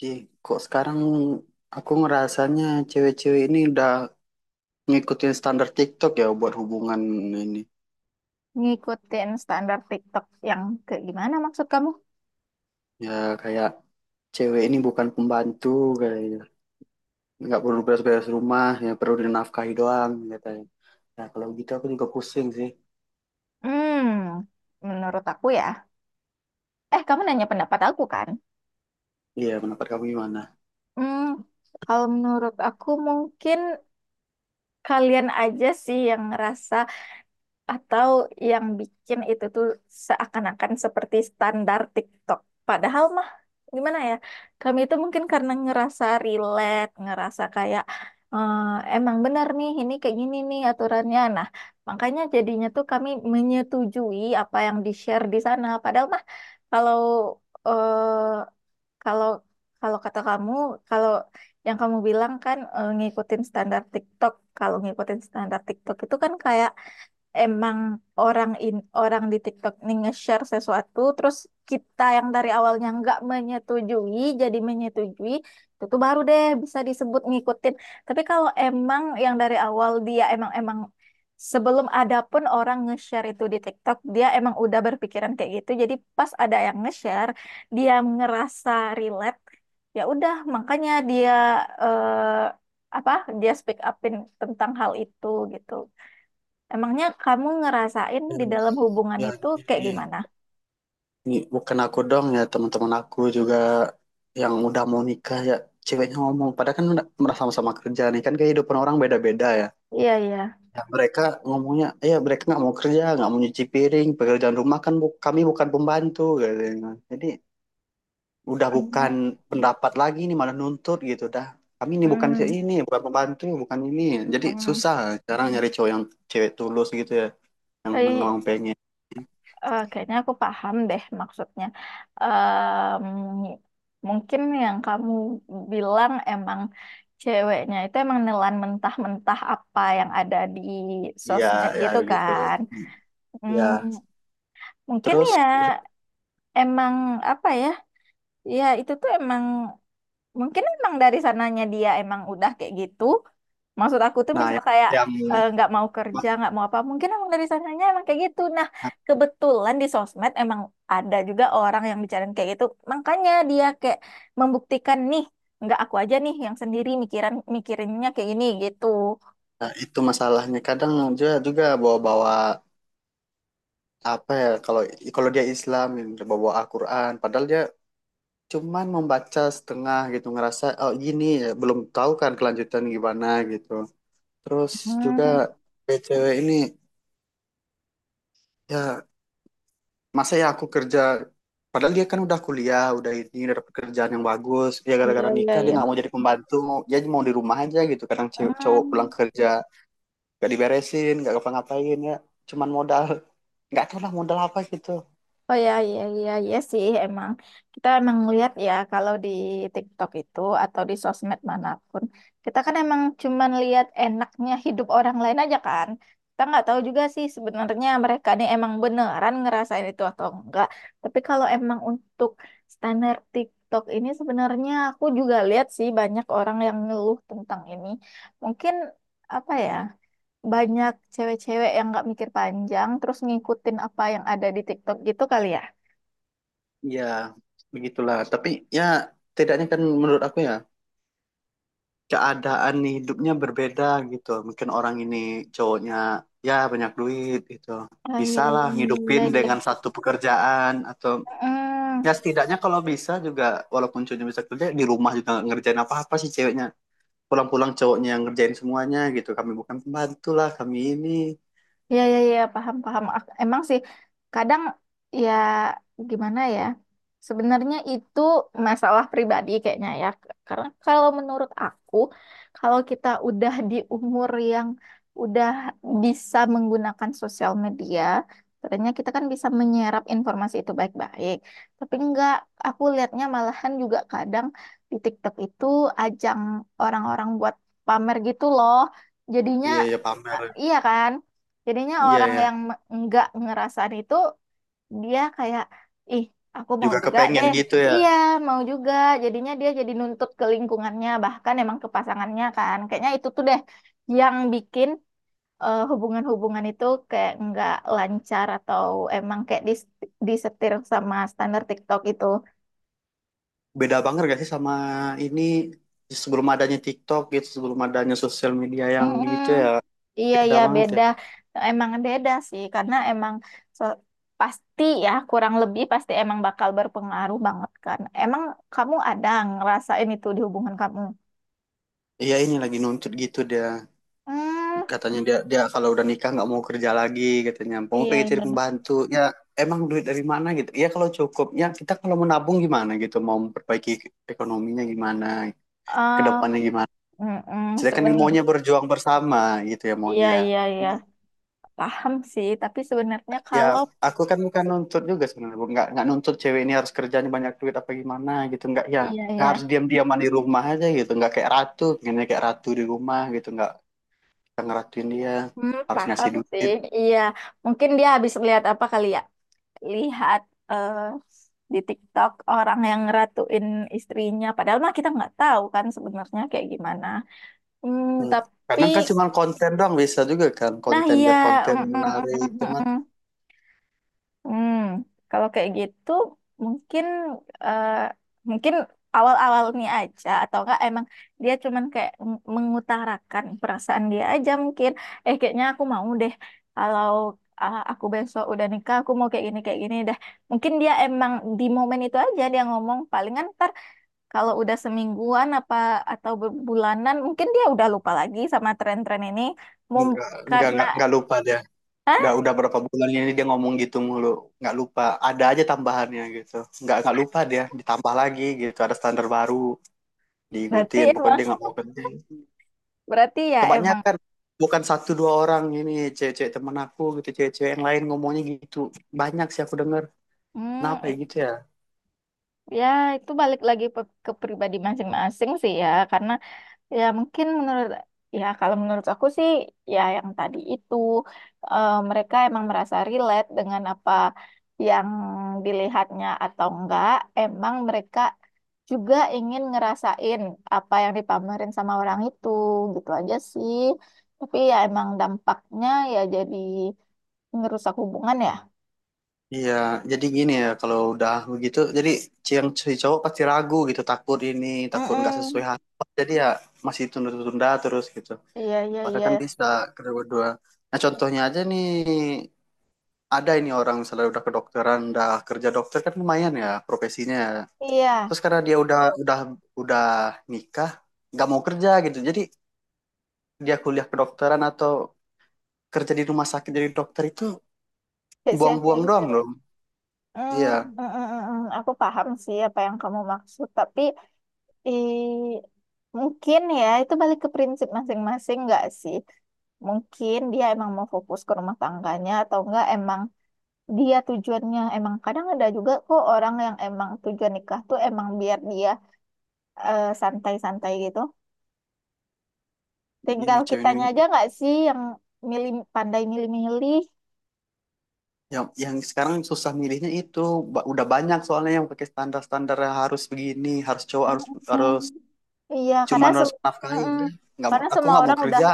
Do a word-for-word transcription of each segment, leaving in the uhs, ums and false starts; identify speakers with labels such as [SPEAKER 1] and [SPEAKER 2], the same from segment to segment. [SPEAKER 1] Ji, kok sekarang aku ngerasanya cewek-cewek ini udah ngikutin standar TikTok ya buat hubungan ini.
[SPEAKER 2] Ngikutin standar TikTok yang kayak gimana maksud kamu?
[SPEAKER 1] Ya kayak cewek ini bukan pembantu kayaknya. Nggak perlu beres-beres rumah, ya perlu dinafkahi doang katanya. Nah kalau gitu aku juga pusing sih.
[SPEAKER 2] Hmm, Menurut aku ya. Eh, kamu nanya pendapat aku kan?
[SPEAKER 1] Iya, pendapat kamu gimana?
[SPEAKER 2] Hmm, Kalau menurut aku mungkin kalian aja sih yang ngerasa atau yang bikin itu tuh seakan-akan seperti standar TikTok. Padahal mah gimana ya? Kami itu mungkin karena ngerasa relate, ngerasa kayak eh, emang benar nih ini kayak gini nih aturannya. Nah, makanya jadinya tuh kami menyetujui apa yang di-share di sana. Padahal mah kalau eh, kalau kalau kata kamu, kalau yang kamu bilang kan eh, ngikutin standar TikTok. Kalau ngikutin standar TikTok itu kan kayak emang orang in orang di TikTok nih nge-share sesuatu, terus kita yang dari awalnya nggak menyetujui jadi menyetujui, itu tuh baru deh bisa disebut ngikutin. Tapi kalau emang yang dari awal dia emang emang sebelum ada pun orang nge-share itu di TikTok, dia emang udah berpikiran kayak gitu, jadi pas ada yang nge-share dia ngerasa relate, ya udah makanya dia eh, apa dia speak upin tentang hal itu gitu. Emangnya kamu ngerasain
[SPEAKER 1] Ya,
[SPEAKER 2] di dalam hubungan
[SPEAKER 1] ya,
[SPEAKER 2] itu kayak
[SPEAKER 1] ini,
[SPEAKER 2] gimana?
[SPEAKER 1] ini bukan aku dong ya teman-teman aku juga yang udah mau nikah ya ceweknya ngomong. Padahal kan udah- merasa sama-sama kerja nih kan kehidupan orang beda-beda ya.
[SPEAKER 2] Iya, iya.
[SPEAKER 1] Ya, mereka ngomongnya, ya mereka nggak mau kerja, nggak mau nyuci piring, pekerjaan rumah kan bu- kami bukan pembantu, katanya. Jadi udah
[SPEAKER 2] Hmm,
[SPEAKER 1] bukan pendapat lagi nih malah nuntut gitu dah. Kami ini bukan si-
[SPEAKER 2] hmm,
[SPEAKER 1] ini, bukan pembantu, bukan ini. Jadi
[SPEAKER 2] hmm.
[SPEAKER 1] susah sekarang nyari cowok yang cewek tulus gitu ya, yang
[SPEAKER 2] Eh,
[SPEAKER 1] memang pengen.
[SPEAKER 2] eh, Kayaknya aku paham deh maksudnya. Em, Mungkin yang kamu bilang emang ceweknya itu emang nelan mentah-mentah apa yang ada di
[SPEAKER 1] Iya,
[SPEAKER 2] sosmed
[SPEAKER 1] ya
[SPEAKER 2] gitu
[SPEAKER 1] begitu.
[SPEAKER 2] kan. Hmm,
[SPEAKER 1] Ya,
[SPEAKER 2] Mungkin
[SPEAKER 1] terus
[SPEAKER 2] ya emang apa ya? Ya itu tuh emang mungkin emang dari sananya dia emang udah kayak gitu. Maksud aku tuh
[SPEAKER 1] nah
[SPEAKER 2] misal
[SPEAKER 1] yang,
[SPEAKER 2] kayak
[SPEAKER 1] yang
[SPEAKER 2] eh, nggak mau kerja nggak mau apa, mungkin emang dari sananya emang kayak gitu. Nah, kebetulan di sosmed emang ada juga orang yang bicarain kayak gitu, makanya dia kayak membuktikan nih nggak aku aja nih yang sendiri mikiran mikirinnya kayak gini gitu.
[SPEAKER 1] nah, itu masalahnya kadang dia juga bawa-bawa apa ya kalau kalau dia Islam bawa-bawa Al-Qur'an padahal dia cuman membaca setengah gitu ngerasa oh gini ya belum tahu kan kelanjutan gimana gitu terus juga
[SPEAKER 2] Hmm,
[SPEAKER 1] kayak cewek ini ya masa ya aku kerja padahal dia kan udah kuliah udah ini udah dapet kerjaan yang bagus ya
[SPEAKER 2] iya,
[SPEAKER 1] gara-gara
[SPEAKER 2] iya,
[SPEAKER 1] nikah dia
[SPEAKER 2] iya.
[SPEAKER 1] nggak mau jadi pembantu mau dia mau di rumah aja gitu kadang cew- cowok pulang
[SPEAKER 2] Hmm.
[SPEAKER 1] kerja gak diberesin gak ngapa-ngapain ya cuman modal nggak tahu lah modal apa gitu.
[SPEAKER 2] Oh ya, iya, iya, iya sih emang. Kita emang lihat ya kalau di TikTok itu atau di sosmed manapun, kita kan emang cuman lihat enaknya hidup orang lain aja kan. Kita nggak tahu juga sih sebenarnya mereka nih emang beneran ngerasain itu atau enggak. Tapi kalau emang untuk standar TikTok ini sebenarnya aku juga lihat sih banyak orang yang ngeluh tentang ini. Mungkin apa ya? Banyak cewek-cewek yang nggak mikir panjang terus ngikutin apa yang ada di TikTok gitu kali ya.
[SPEAKER 1] Ya begitulah, tapi ya tidaknya kan menurut aku ya keadaan hidupnya berbeda gitu. Mungkin orang ini cowoknya ya banyak duit gitu.
[SPEAKER 2] Ah, iya,
[SPEAKER 1] Bisa lah ngidupin
[SPEAKER 2] iya, iya. Iya.
[SPEAKER 1] dengan satu pekerjaan atau
[SPEAKER 2] Heeh.
[SPEAKER 1] ya setidaknya kalau bisa juga walaupun cowoknya bisa kerja di rumah juga nggak ngerjain apa-apa sih ceweknya. Pulang-pulang cowoknya yang ngerjain semuanya gitu. Kami bukan pembantu lah, kami ini.
[SPEAKER 2] Iya, iya, iya, paham, paham. Ak- Emang sih, kadang ya gimana ya, sebenarnya itu masalah pribadi kayaknya ya. Karena kalau menurut aku, kalau kita udah di umur yang udah bisa menggunakan sosial media, sebenarnya kita kan bisa menyerap informasi itu baik-baik. Tapi enggak, aku lihatnya malahan juga kadang di TikTok itu ajang orang-orang buat pamer gitu loh. Jadinya,
[SPEAKER 1] Iya ya pamer.
[SPEAKER 2] eh, iya kan? Jadinya
[SPEAKER 1] Iya
[SPEAKER 2] orang
[SPEAKER 1] ya.
[SPEAKER 2] yang me- nggak ngerasain itu dia kayak ih aku mau
[SPEAKER 1] Juga
[SPEAKER 2] juga
[SPEAKER 1] kepengen
[SPEAKER 2] deh.
[SPEAKER 1] gitu ya.
[SPEAKER 2] Iya, mau juga. Jadinya dia jadi nuntut ke lingkungannya bahkan emang ke pasangannya kan. Kayaknya itu tuh deh yang bikin eh, hubungan-hubungan itu kayak nggak lancar atau emang kayak dis- disetir sama standar TikTok itu.
[SPEAKER 1] Beda banget gak sih sama ini sebelum adanya TikTok gitu, sebelum adanya sosial media yang
[SPEAKER 2] Mm-mm.
[SPEAKER 1] gitu ya.
[SPEAKER 2] Iya
[SPEAKER 1] Beda
[SPEAKER 2] ya
[SPEAKER 1] banget ya.
[SPEAKER 2] beda, emang beda sih karena emang so- pasti ya kurang lebih pasti emang bakal berpengaruh banget kan. Emang kamu ada ngerasain itu di hubungan kamu?
[SPEAKER 1] Iya ini lagi nuntut gitu dia
[SPEAKER 2] Hmm,
[SPEAKER 1] katanya dia dia kalau udah nikah nggak mau kerja lagi katanya mau
[SPEAKER 2] iya
[SPEAKER 1] pengen cari
[SPEAKER 2] iya.
[SPEAKER 1] pembantu ya emang duit dari mana gitu ya kalau cukup ya kita kalau menabung gimana gitu mau memperbaiki ekonominya gimana kedepannya
[SPEAKER 2] Ah,
[SPEAKER 1] depannya gimana
[SPEAKER 2] mm-mm,
[SPEAKER 1] sedangkan
[SPEAKER 2] seben,
[SPEAKER 1] maunya berjuang bersama gitu ya
[SPEAKER 2] iya
[SPEAKER 1] maunya.
[SPEAKER 2] iya iya
[SPEAKER 1] Cuman,
[SPEAKER 2] paham sih. Tapi sebenarnya
[SPEAKER 1] ya
[SPEAKER 2] kalau
[SPEAKER 1] aku kan bukan nuntut juga sebenarnya Bu. nggak nggak nuntut cewek ini harus kerjanya banyak duit apa gimana gitu nggak ya
[SPEAKER 2] iya
[SPEAKER 1] nggak
[SPEAKER 2] iya,
[SPEAKER 1] harus diam-diaman di rumah aja gitu nggak kayak ratu pengennya kayak ratu di rumah gitu nggak kita ngeratuin dia
[SPEAKER 2] hmm,
[SPEAKER 1] harus ngasih
[SPEAKER 2] paham sih.
[SPEAKER 1] duit.
[SPEAKER 2] Iya, mungkin dia habis lihat apa kali ya? Lihat eh, di TikTok orang yang ngeratuin istrinya. Padahal mah kita nggak tahu kan sebenarnya kayak gimana. Hmm,
[SPEAKER 1] Hmm.
[SPEAKER 2] tapi,
[SPEAKER 1] Kadang kan cuma konten doang bisa juga kan
[SPEAKER 2] nah
[SPEAKER 1] konten
[SPEAKER 2] iya,
[SPEAKER 1] biar konten
[SPEAKER 2] mm, mm, mm,
[SPEAKER 1] menarik
[SPEAKER 2] mm,
[SPEAKER 1] cuma
[SPEAKER 2] mm. Mm. Hmm, Kalau kayak gitu mungkin eh, mungkin awal-awal nih aja atau enggak emang dia cuman kayak meng- mengutarakan perasaan dia aja mungkin eh kayaknya aku mau deh. Kalau ah, aku besok udah nikah aku mau kayak gini kayak gini deh. Mungkin dia emang di momen itu aja dia ngomong palingan ntar kalau udah semingguan apa atau bulanan mungkin dia udah lupa lagi sama tren-tren ini. Mom-
[SPEAKER 1] nggak nggak
[SPEAKER 2] karena
[SPEAKER 1] nggak nggak lupa dia udah
[SPEAKER 2] ah
[SPEAKER 1] udah berapa bulan ini dia ngomong gitu mulu nggak lupa ada aja tambahannya gitu nggak nggak lupa dia ditambah lagi gitu ada standar baru
[SPEAKER 2] berarti
[SPEAKER 1] diikutin pokoknya
[SPEAKER 2] emang
[SPEAKER 1] dia nggak mau berhenti
[SPEAKER 2] berarti ya emang.
[SPEAKER 1] kebanyakan bukan satu dua orang ini cewek-cewek temen aku gitu cewek-cewek yang lain ngomongnya gitu banyak sih aku denger
[SPEAKER 2] Hmm,
[SPEAKER 1] kenapa ya gitu ya.
[SPEAKER 2] Ya, itu balik lagi pe- ke pribadi masing-masing sih ya, karena ya mungkin menurut ya kalau menurut aku sih ya yang tadi itu eh, mereka emang merasa relate dengan apa yang dilihatnya atau enggak, emang mereka juga ingin ngerasain apa yang dipamerin sama orang itu, gitu aja sih. Tapi ya emang dampaknya ya jadi ngerusak hubungan ya.
[SPEAKER 1] Iya, jadi gini ya kalau udah begitu, jadi si yang si cowok pasti ragu gitu, takut ini, takut nggak sesuai
[SPEAKER 2] Mm-mm.
[SPEAKER 1] harapan. Jadi ya masih tunda-tunda terus gitu.
[SPEAKER 2] Iya, iya,
[SPEAKER 1] Padahal
[SPEAKER 2] iya.
[SPEAKER 1] kan bisa kedua-dua. Nah contohnya aja nih, ada ini orang misalnya udah kedokteran, udah kerja dokter kan lumayan ya profesinya.
[SPEAKER 2] Iya,
[SPEAKER 1] Terus karena dia udah udah udah nikah, nggak mau kerja gitu. Jadi dia kuliah kedokteran atau kerja di rumah sakit jadi dokter itu
[SPEAKER 2] sia-sia
[SPEAKER 1] buang-buang
[SPEAKER 2] gitu.
[SPEAKER 1] doang dong.
[SPEAKER 2] Hmm,
[SPEAKER 1] Iya,
[SPEAKER 2] mm, mm, mm, mm. Aku paham sih apa yang kamu maksud, tapi eh, mungkin ya itu balik ke prinsip masing-masing nggak sih? Mungkin dia emang mau fokus ke rumah tangganya atau enggak emang dia tujuannya emang kadang ada juga kok orang yang emang tujuan nikah tuh emang biar dia eh, santai-santai gitu. Tinggal
[SPEAKER 1] begini cewek ini
[SPEAKER 2] kitanya aja nggak sih yang milih pandai milih-milih.
[SPEAKER 1] yang yang sekarang susah milihnya itu Ba- udah banyak soalnya yang pakai standar-standar yang harus begini harus cowok
[SPEAKER 2] Mm,
[SPEAKER 1] harus
[SPEAKER 2] mm.
[SPEAKER 1] harus
[SPEAKER 2] Iya, karena
[SPEAKER 1] cuman
[SPEAKER 2] sem
[SPEAKER 1] harus menafkahi
[SPEAKER 2] Mm-mm.
[SPEAKER 1] udah nggak mau
[SPEAKER 2] Karena
[SPEAKER 1] aku
[SPEAKER 2] semua
[SPEAKER 1] nggak mau
[SPEAKER 2] orang udah,
[SPEAKER 1] kerja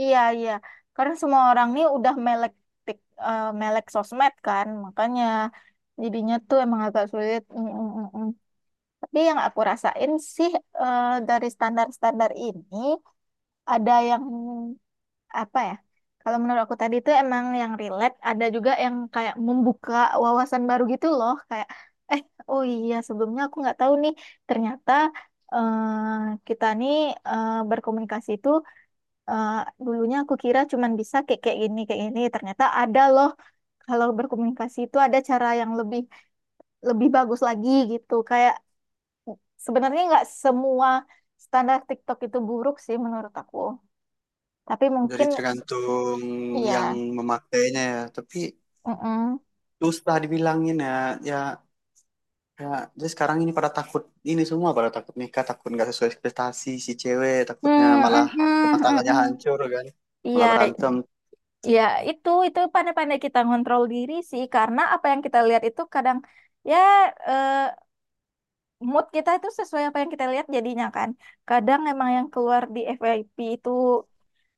[SPEAKER 2] iya iya, karena semua orang nih udah melek, tik, eh, melek sosmed kan, makanya jadinya tuh emang agak sulit. Mm-mm-mm. Tapi yang aku rasain sih eh, dari standar-standar ini ada yang apa ya? Kalau menurut aku tadi itu emang yang relate, ada juga yang kayak membuka wawasan baru gitu loh, kayak eh oh iya sebelumnya aku nggak tahu nih ternyata eh kita nih eh, berkomunikasi itu eh, dulunya aku kira cuman bisa kayak kayak gini kayak gini, ternyata ada loh kalau berkomunikasi itu ada cara yang lebih lebih bagus lagi gitu. Kayak sebenarnya nggak semua standar TikTok itu buruk sih menurut aku, tapi
[SPEAKER 1] jadi
[SPEAKER 2] mungkin
[SPEAKER 1] tergantung yang
[SPEAKER 2] iya.
[SPEAKER 1] memakainya ya tapi
[SPEAKER 2] Mm-mm.
[SPEAKER 1] susah dibilangin ya ya ya jadi sekarang ini pada takut ini semua pada takut nikah takut nggak sesuai ekspektasi si cewek takutnya
[SPEAKER 2] Hmm, hmm,
[SPEAKER 1] malah rumah
[SPEAKER 2] hmm, hmm.
[SPEAKER 1] tangganya
[SPEAKER 2] Hmm.
[SPEAKER 1] hancur kan malah
[SPEAKER 2] Iya,
[SPEAKER 1] berantem
[SPEAKER 2] ya itu itu pandai-pandai kita ngontrol diri sih karena apa yang kita lihat itu kadang ya eh, mood kita itu sesuai apa yang kita lihat jadinya kan. Kadang emang yang keluar di F Y P itu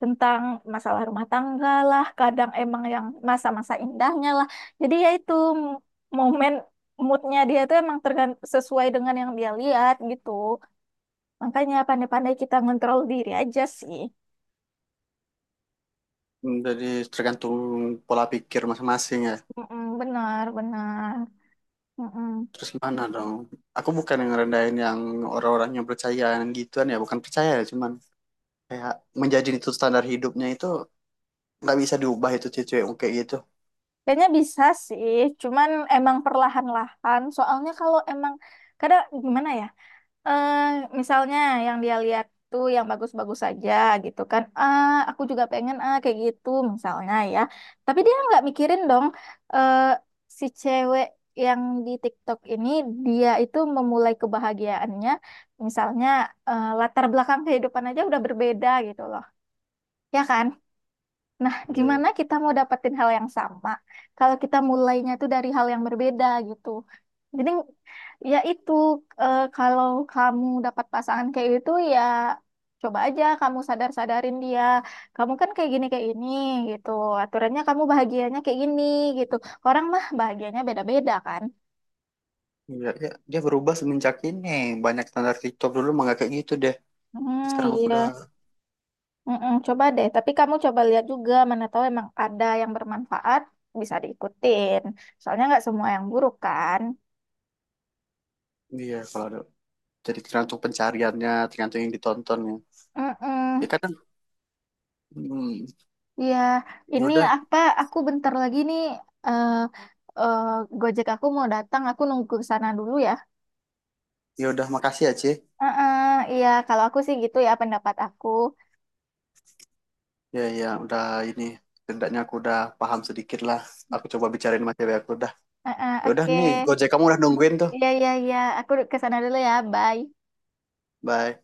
[SPEAKER 2] tentang masalah rumah tangga lah, kadang emang yang masa-masa indahnya lah. Jadi ya itu m- momen moodnya dia itu emang tergant sesuai dengan yang dia lihat gitu. Makanya pandai-pandai kita ngontrol diri aja sih.
[SPEAKER 1] jadi tergantung pola pikir masing-masing ya.
[SPEAKER 2] Mm-mm, benar, benar. Mm-mm.
[SPEAKER 1] Terus gimana dong? Aku bukan yang ngerendahin yang orang-orang yang percaya yang gituan ya, bukan percaya ya, cuman kayak menjadi itu standar hidupnya itu nggak bisa diubah itu cewek kayak gitu.
[SPEAKER 2] Kayaknya bisa sih, cuman emang perlahan-lahan. Soalnya kalau emang kadang gimana ya? Eh, Misalnya yang dia lihat tuh yang bagus-bagus saja gitu kan. Ah, aku juga pengen ah kayak gitu misalnya ya. Tapi dia nggak mikirin dong eh, si cewek yang di TikTok ini dia itu memulai kebahagiaannya misalnya eh, latar belakang kehidupan aja udah berbeda gitu loh. Ya kan? Nah,
[SPEAKER 1] Iya, iya.
[SPEAKER 2] gimana kita mau dapetin hal yang sama kalau kita mulainya tuh dari hal yang berbeda gitu. Jadi ya itu eh, kalau kamu dapat pasangan kayak itu ya coba aja kamu sadar-sadarin dia. Kamu kan kayak gini kayak ini gitu. Aturannya kamu bahagianya kayak gini gitu. Orang mah bahagianya beda-beda kan.
[SPEAKER 1] Iya, iya. Dia berubah semenjak ini banyak standar TikTok, dulu mah nggak kayak gitu deh.
[SPEAKER 2] Hmm,
[SPEAKER 1] Sekarang aku udah
[SPEAKER 2] iya. Mm-mm, coba deh, tapi kamu coba lihat juga mana tahu emang ada yang bermanfaat bisa diikutin. Soalnya nggak semua yang buruk kan.
[SPEAKER 1] iya kalau ada jadi tergantung pencariannya, tergantung yang ditontonnya. Ya. Ya
[SPEAKER 2] Mm.
[SPEAKER 1] kadang hmm,
[SPEAKER 2] Ya,
[SPEAKER 1] ya
[SPEAKER 2] ini
[SPEAKER 1] udah,
[SPEAKER 2] apa? Aku bentar lagi nih. eh eh, Gojek aku mau datang. Aku nunggu ke sana dulu ya.
[SPEAKER 1] ya udah makasih ya, Ci.
[SPEAKER 2] Heeh, iya, kalau aku sih gitu ya pendapat aku.
[SPEAKER 1] Ya ya udah ini setidaknya aku udah paham sedikit lah. Aku coba bicarain sama cewek aku dah.
[SPEAKER 2] Heeh,
[SPEAKER 1] Ya udah
[SPEAKER 2] oke.
[SPEAKER 1] nih, Gojek kamu udah nungguin tuh.
[SPEAKER 2] Iya, iya, iya. Aku ke sana dulu ya. Bye.
[SPEAKER 1] Bye.